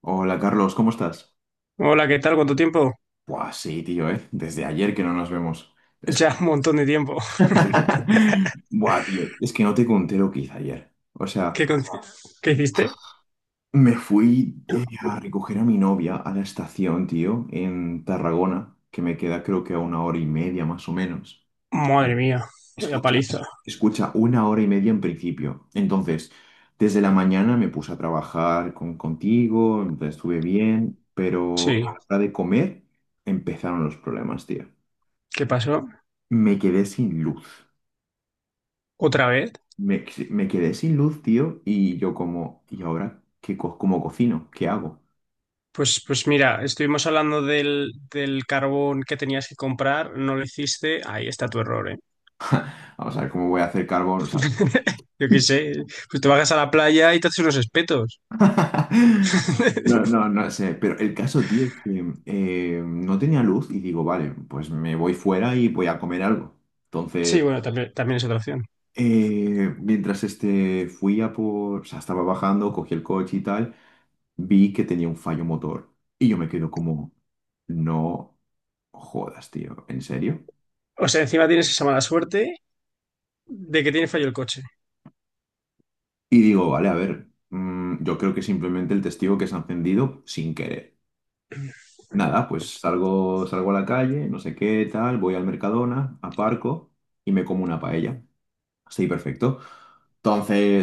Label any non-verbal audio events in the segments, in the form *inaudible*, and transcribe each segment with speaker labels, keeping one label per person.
Speaker 1: Hola Carlos, ¿cómo estás?
Speaker 2: Hola, ¿qué tal? ¿Cuánto tiempo?
Speaker 1: Buah, sí, tío, ¿eh? Desde ayer que no nos vemos. Es...
Speaker 2: Ya un montón de tiempo. *laughs*
Speaker 1: *laughs* Buah, tío, es que no te conté lo que hice ayer. O sea,
Speaker 2: ¿Qué, qué hiciste?
Speaker 1: me fui a recoger a mi novia a la estación, tío, en Tarragona, que me queda creo que a una hora y media más o menos.
Speaker 2: Madre mía, la
Speaker 1: Escucha,
Speaker 2: paliza.
Speaker 1: escucha, una hora y media en principio. Entonces, desde la mañana me puse a trabajar contigo, entonces estuve bien, pero
Speaker 2: Sí,
Speaker 1: a la hora de comer empezaron los problemas, tío.
Speaker 2: ¿qué pasó?
Speaker 1: Me quedé sin luz.
Speaker 2: ¿Otra vez?
Speaker 1: Me quedé sin luz, tío, y yo como, ¿y ahora qué cómo cocino? ¿Qué hago?
Speaker 2: Pues mira, estuvimos hablando del carbón que tenías que comprar, no lo hiciste. Ahí está tu error, ¿eh?
Speaker 1: Vamos a ver cómo voy a hacer carbón, o sea.
Speaker 2: *laughs* Yo qué sé, pues te bajas a la playa y te haces unos espetos.
Speaker 1: *laughs* No,
Speaker 2: *laughs*
Speaker 1: no, no sé, pero el caso, tío, es que no tenía luz y digo, vale, pues me voy fuera y voy a comer algo.
Speaker 2: Sí,
Speaker 1: Entonces,
Speaker 2: bueno, también, también es otra opción.
Speaker 1: mientras fui a por, o sea, estaba bajando, cogí el coche y tal, vi que tenía un fallo motor y yo me quedo como, no jodas, tío, ¿en serio?
Speaker 2: O sea, encima tienes esa mala suerte de que tiene fallo el coche.
Speaker 1: Y digo, vale, a ver, yo creo que simplemente el testigo que se ha encendido sin querer. Nada, pues salgo a la calle, no sé qué, tal, voy al Mercadona, aparco y me como una paella. Así, perfecto.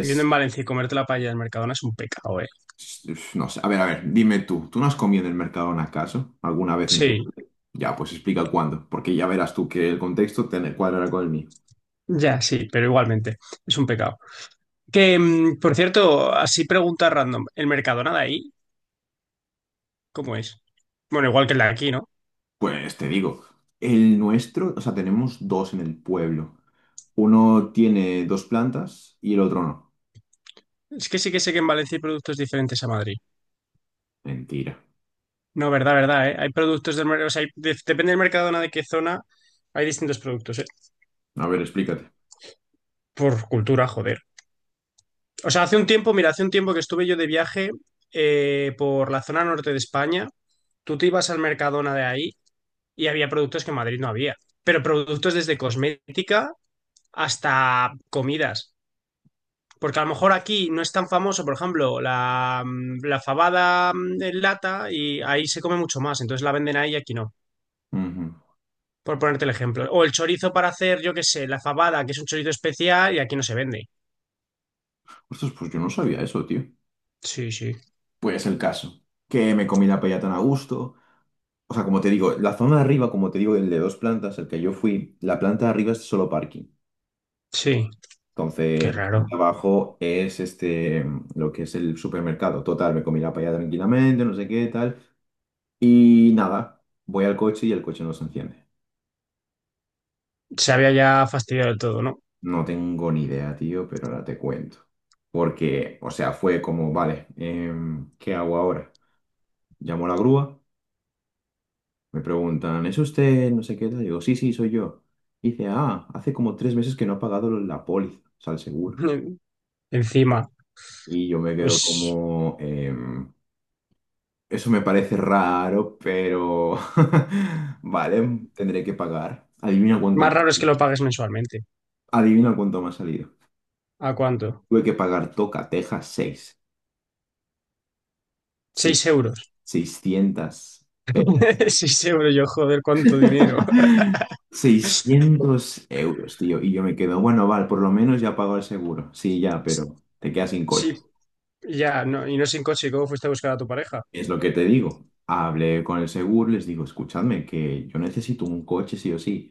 Speaker 2: Viviendo en Valencia y comerte la paella del Mercadona es un pecado, ¿eh?
Speaker 1: s- no sé, a ver, dime tú, ¿tú no has comido en el Mercadona acaso alguna vez en tu
Speaker 2: Sí.
Speaker 1: vida? Ya, pues explica cuándo, porque ya verás tú que el contexto te cuadra con el mío.
Speaker 2: Ya, sí, pero igualmente, es un pecado. Que, por cierto, así pregunta random, ¿el Mercadona de ahí cómo es? Bueno, igual que el de aquí, ¿no?
Speaker 1: Pues te digo, el nuestro, o sea, tenemos dos en el pueblo. Uno tiene dos plantas y el otro no.
Speaker 2: Es que sí que sé que en Valencia hay productos diferentes a Madrid.
Speaker 1: Mentira.
Speaker 2: No, verdad, verdad, ¿eh? Hay productos del mercado, o sea, depende del Mercadona de qué zona, hay distintos productos, ¿eh?
Speaker 1: A ver, explícate.
Speaker 2: Por cultura, joder. O sea, hace un tiempo, mira, hace un tiempo que estuve yo de viaje por la zona norte de España, tú te ibas al Mercadona de ahí y había productos que en Madrid no había, pero productos desde cosmética hasta comidas. Porque a lo mejor aquí no es tan famoso, por ejemplo, la fabada en lata y ahí se come mucho más, entonces la venden ahí y aquí no,
Speaker 1: Ujú.
Speaker 2: por ponerte el ejemplo. O el chorizo para hacer, yo qué sé, la fabada, que es un chorizo especial y aquí no se vende.
Speaker 1: Ostras, pues yo no sabía eso, tío.
Speaker 2: Sí, sí,
Speaker 1: Pues el caso, que me comí la paella tan a gusto. O sea, como te digo, la zona de arriba, como te digo, el de dos plantas, el que yo fui, la planta de arriba es solo parking.
Speaker 2: sí, qué
Speaker 1: Entonces, la
Speaker 2: raro.
Speaker 1: planta de abajo es lo que es el supermercado. Total, me comí la paella tranquilamente, no sé qué, tal. Y nada, voy al coche y el coche no se enciende.
Speaker 2: Se había ya fastidiado del todo, ¿no?
Speaker 1: No tengo ni idea, tío, pero ahora te cuento. Porque, o sea, fue como, vale, ¿qué hago ahora? Llamo a la grúa, me preguntan, ¿es usted no sé qué? Tal?". Digo, sí, sí, soy yo. Dice, ah, hace como 3 meses que no ha pagado la póliza, o sea, el seguro.
Speaker 2: *laughs* Encima,
Speaker 1: Y yo me quedo
Speaker 2: pues
Speaker 1: como, eso me parece raro, pero *laughs* vale, tendré que pagar.
Speaker 2: más raro es que lo pagues mensualmente.
Speaker 1: Adivina cuánto me ha salido.
Speaker 2: ¿A cuánto?
Speaker 1: Tuve que pagar Toca, Texas, 6,
Speaker 2: 6 euros.
Speaker 1: 600 pelas.
Speaker 2: *laughs* 6 euros, yo joder, cuánto dinero. *laughs*
Speaker 1: *laughs* 600 euros, tío. Y yo me quedo, bueno, vale, por lo menos ya pago el seguro. Sí, ya, pero te quedas sin
Speaker 2: Sí.
Speaker 1: coche.
Speaker 2: Ya, no, y no sin coche, ¿cómo fuiste a buscar a tu pareja?
Speaker 1: Es lo que te digo. Hablé con el seguro, les digo, escuchadme, que yo necesito un coche sí o sí.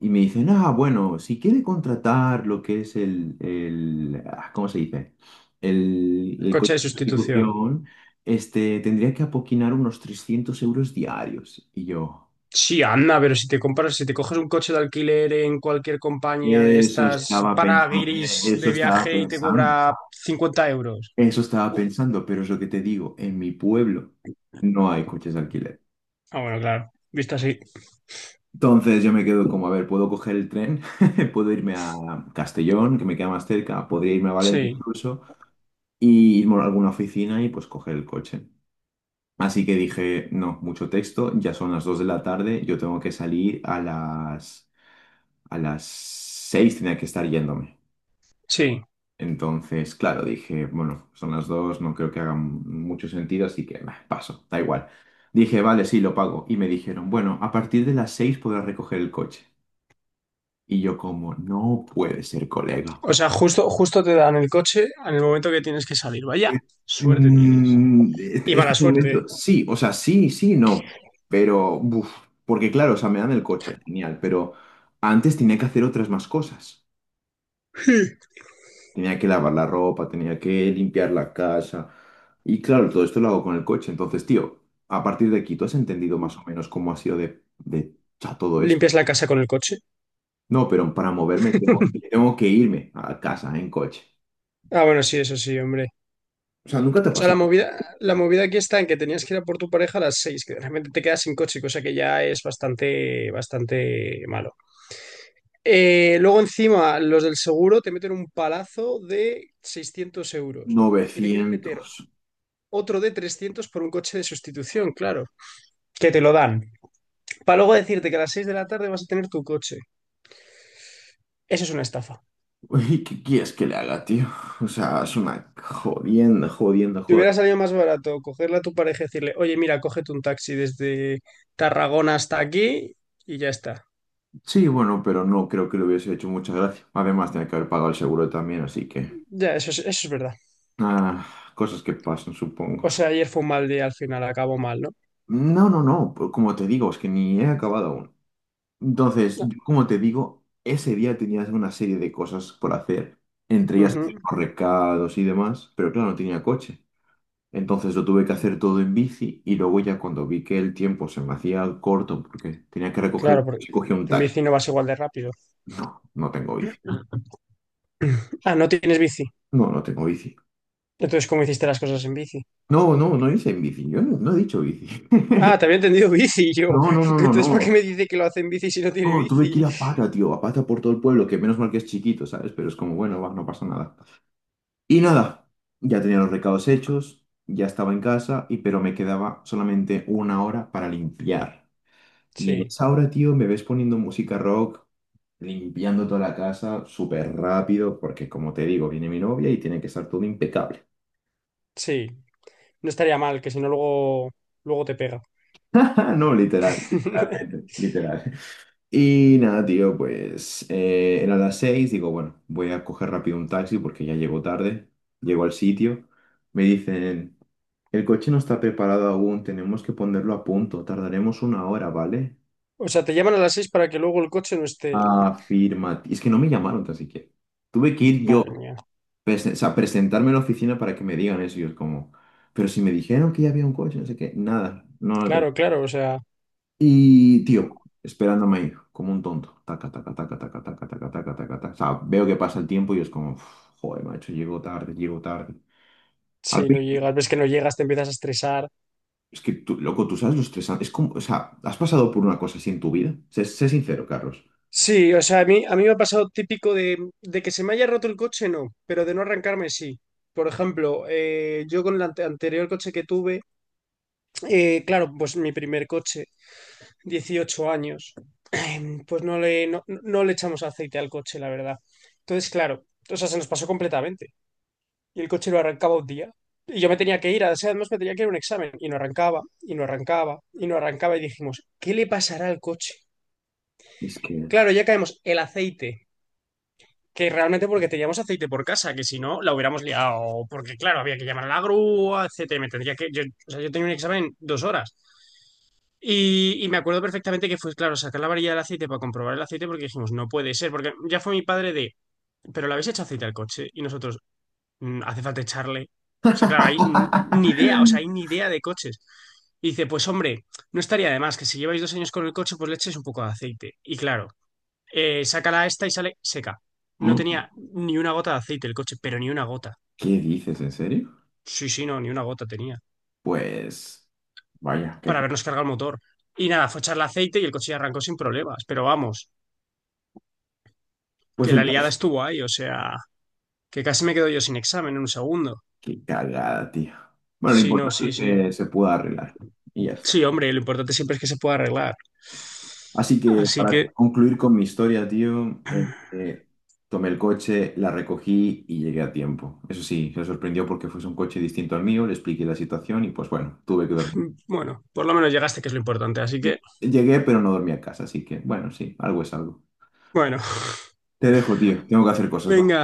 Speaker 1: Y me dicen, ah, bueno, si quiere contratar lo que es ¿cómo se dice? El
Speaker 2: Coche de
Speaker 1: coche de
Speaker 2: sustitución.
Speaker 1: sustitución, tendría que apoquinar unos 300 € diarios. Y yo,
Speaker 2: Sí, anda, pero si te compras, si te coges un coche de alquiler en cualquier compañía de
Speaker 1: eso
Speaker 2: estas
Speaker 1: estaba
Speaker 2: para
Speaker 1: pensando,
Speaker 2: guiris
Speaker 1: eso
Speaker 2: de
Speaker 1: estaba
Speaker 2: viaje y te
Speaker 1: pensando.
Speaker 2: cobra 50 euros.
Speaker 1: Eso estaba
Speaker 2: Uh,
Speaker 1: pensando, pero es lo que te digo, en mi pueblo no hay coches de alquiler.
Speaker 2: Ah, bueno, claro, visto así.
Speaker 1: Entonces yo me quedo como, a ver, puedo coger el tren, *laughs* puedo irme a Castellón, que me queda más cerca, podría irme a Valencia
Speaker 2: Sí,
Speaker 1: incluso, y irme a alguna oficina y pues coger el coche. Así que dije, no, mucho texto, ya son las 2 de la tarde, yo tengo que salir a las, 6 tenía que estar yéndome.
Speaker 2: sí.
Speaker 1: Entonces, claro, dije, bueno, son las dos, no creo que hagan mucho sentido, así que bah, paso, da igual. Dije, vale, sí, lo pago. Y me dijeron, bueno, a partir de las seis podrás recoger el coche. Y yo como, no puede ser, colega.
Speaker 2: O sea, justo, justo te dan el coche en el momento que tienes que salir. Vaya,
Speaker 1: Eh,
Speaker 2: suerte tienes. Y mala
Speaker 1: este
Speaker 2: suerte, ¿eh?
Speaker 1: momento, sí, o sea, sí, sí, no. Pero, buf, porque claro, o sea, me dan el coche, genial, pero antes tenía que hacer otras más cosas.
Speaker 2: *laughs*
Speaker 1: Tenía que lavar la ropa, tenía que limpiar la casa. Y claro, todo esto lo hago con el coche. Entonces, tío, a partir de aquí, ¿tú has entendido más o menos cómo ha sido todo esto?
Speaker 2: Limpias la casa con el coche.
Speaker 1: No, pero para moverme tengo que irme a casa en coche.
Speaker 2: Ah, bueno, sí, eso sí, hombre.
Speaker 1: O sea, nunca
Speaker 2: O
Speaker 1: te ha
Speaker 2: sea,
Speaker 1: pasado.
Speaker 2: la movida aquí está en que tenías que ir a por tu pareja a las 6, que realmente te quedas sin coche, cosa que ya es bastante, bastante malo. Luego encima, los del seguro te meten un palazo de 600 euros y te quieren
Speaker 1: 900.
Speaker 2: meter otro de 300 por un coche de sustitución, claro, que te lo dan. Para luego decirte que a las 6 de la tarde vas a tener tu coche. Eso es una estafa.
Speaker 1: *laughs* Uy, ¿qué quieres que le haga, tío? O sea, es una jodienda, jodienda,
Speaker 2: Te
Speaker 1: joder.
Speaker 2: hubiera salido más barato cogerle a tu pareja y decirle, oye, mira, cógete un taxi desde Tarragona hasta aquí y ya está.
Speaker 1: Sí, bueno, pero no creo que le hubiese hecho mucha gracia. Además, tenía que haber pagado el seguro también, así que...
Speaker 2: Ya, eso es verdad.
Speaker 1: ah, cosas que pasan, supongo.
Speaker 2: O sea, ayer fue un mal día al final, acabó mal, ¿no?
Speaker 1: No, no, no, pues como te digo, es que ni he acabado aún. Entonces, yo, como te digo, ese día tenías una serie de cosas por hacer, entre ellas hacer
Speaker 2: Ujú.
Speaker 1: los recados y demás, pero claro, no tenía coche. Entonces lo tuve que hacer todo en bici y luego ya cuando vi que el tiempo se me hacía corto porque tenía que
Speaker 2: Claro,
Speaker 1: recoger,
Speaker 2: porque
Speaker 1: cogí un
Speaker 2: en
Speaker 1: taxi.
Speaker 2: bici no vas igual de rápido.
Speaker 1: No, no tengo bici.
Speaker 2: Ah, no tienes bici.
Speaker 1: No, no tengo bici.
Speaker 2: Entonces, ¿cómo hiciste las cosas en bici?
Speaker 1: No, no, no hice en bici. Yo no, no he dicho bici. *laughs*
Speaker 2: Ah, te había entendido bici yo.
Speaker 1: No, no,
Speaker 2: *laughs*
Speaker 1: no, no,
Speaker 2: Entonces, ¿para qué
Speaker 1: no.
Speaker 2: me dice que lo hace en bici si no tiene
Speaker 1: No, tuve que
Speaker 2: bici?
Speaker 1: ir a pata, tío, a pata por todo el pueblo, que menos mal que es chiquito, ¿sabes? Pero es como, bueno, va, no pasa nada. Y nada, ya tenía los recados hechos, ya estaba en casa, y pero me quedaba solamente una hora para limpiar. Y en
Speaker 2: Sí,
Speaker 1: esa hora, tío, me ves poniendo música rock, limpiando toda la casa súper rápido, porque como te digo, viene mi novia y tiene que estar todo impecable.
Speaker 2: sí. No estaría mal, que si no luego, luego te pega.
Speaker 1: *laughs* No, literal,
Speaker 2: *laughs*
Speaker 1: literalmente, literal. Y nada, tío, pues era las seis, digo, bueno, voy a coger rápido un taxi porque ya llego tarde, llego al sitio, me dicen, el coche no está preparado aún, tenemos que ponerlo a punto, tardaremos una hora, ¿vale?
Speaker 2: O sea, te llaman a las seis para que luego el coche no esté.
Speaker 1: Afirma, es que no me llamaron tan siquiera, tuve que ir yo,
Speaker 2: Madre mía.
Speaker 1: o sea, presentarme en la oficina para que me digan eso, y yo es como, pero si me dijeron que ya había un coche, no sé qué, nada, no lo
Speaker 2: Claro,
Speaker 1: tenemos.
Speaker 2: claro, o sea,
Speaker 1: Y, tío, esperándome ahí, como un tonto. Taca, taca, taca, taca, taca, taca, taca, taca, taca. O sea, veo que pasa el tiempo y es como, "Uf, joder, macho, llego tarde, llego tarde. Al
Speaker 2: si no
Speaker 1: fin,
Speaker 2: llegas, ves que no llegas, te empiezas a estresar.
Speaker 1: es que tú, loco, tú sabes lo estresante. Es como, o sea, ¿has pasado por una cosa así en tu vida? Sé sincero, Carlos.
Speaker 2: Sí, o sea, a mí me ha pasado típico de que se me haya roto el coche, no, pero de no arrancarme, sí. Por ejemplo, yo con el anterior coche que tuve, claro, pues mi primer coche, 18 años, *clears throat* pues no le echamos aceite al coche, la verdad. Entonces, claro, o sea, se nos pasó completamente. Y el coche lo arrancaba un día. Y yo me tenía que ir, o sea, además me tenía que ir a un examen. Y no arrancaba, y no arrancaba, y no arrancaba. Y dijimos, ¿qué le pasará al coche?
Speaker 1: Es que...
Speaker 2: Claro, ya caemos, el aceite. Que realmente porque teníamos aceite por casa, que si no, la hubiéramos liado. Porque, claro, había que llamar a la grúa, etcétera. Me tendría que. Yo, o sea, yo tenía un examen en 2 horas. Y me acuerdo perfectamente que fue, claro, sacar la varilla del aceite para comprobar el aceite, porque dijimos, no puede ser. Porque ya fue mi padre de, pero le habéis hecho aceite al coche. Y nosotros, Hace falta echarle". O sea, claro, ni idea, o sea, hay ni
Speaker 1: *laughs*
Speaker 2: idea de coches. Y dice, pues hombre, no estaría de más que si lleváis 2 años con el coche, pues le echéis un poco de aceite. Y claro saca la esta y sale seca. No tenía ni una gota de aceite el coche, pero ni una gota.
Speaker 1: ¿Qué dices, en serio?
Speaker 2: Sí, sí, no, ni una gota tenía.
Speaker 1: Pues, vaya, qué...
Speaker 2: Para habernos cargado el motor. Y nada, fue echarle aceite y el coche ya arrancó sin problemas. Pero vamos,
Speaker 1: Pues
Speaker 2: que
Speaker 1: el
Speaker 2: la liada
Speaker 1: caso,
Speaker 2: estuvo ahí, o sea, que casi me quedo yo sin examen en un segundo.
Speaker 1: qué cagada, tío. Bueno, lo
Speaker 2: Sí, no,
Speaker 1: importante
Speaker 2: sí,
Speaker 1: es
Speaker 2: sí.
Speaker 1: que se pueda arreglar. Y ya está.
Speaker 2: Sí, hombre, lo importante siempre es que se pueda arreglar.
Speaker 1: Así que
Speaker 2: Así
Speaker 1: para
Speaker 2: que,
Speaker 1: concluir con mi historia, tío, tomé el coche, la recogí y llegué a tiempo. Eso sí, se sorprendió porque fuese un coche distinto al mío, le expliqué la situación y pues bueno, tuve que dormir.
Speaker 2: bueno, por lo menos llegaste, que es lo importante. Así que,
Speaker 1: Llegué, pero no dormí a casa, así que bueno, sí, algo es algo.
Speaker 2: bueno, *laughs*
Speaker 1: Te dejo, tío, tengo que hacer cosas. ¿Va?
Speaker 2: venga.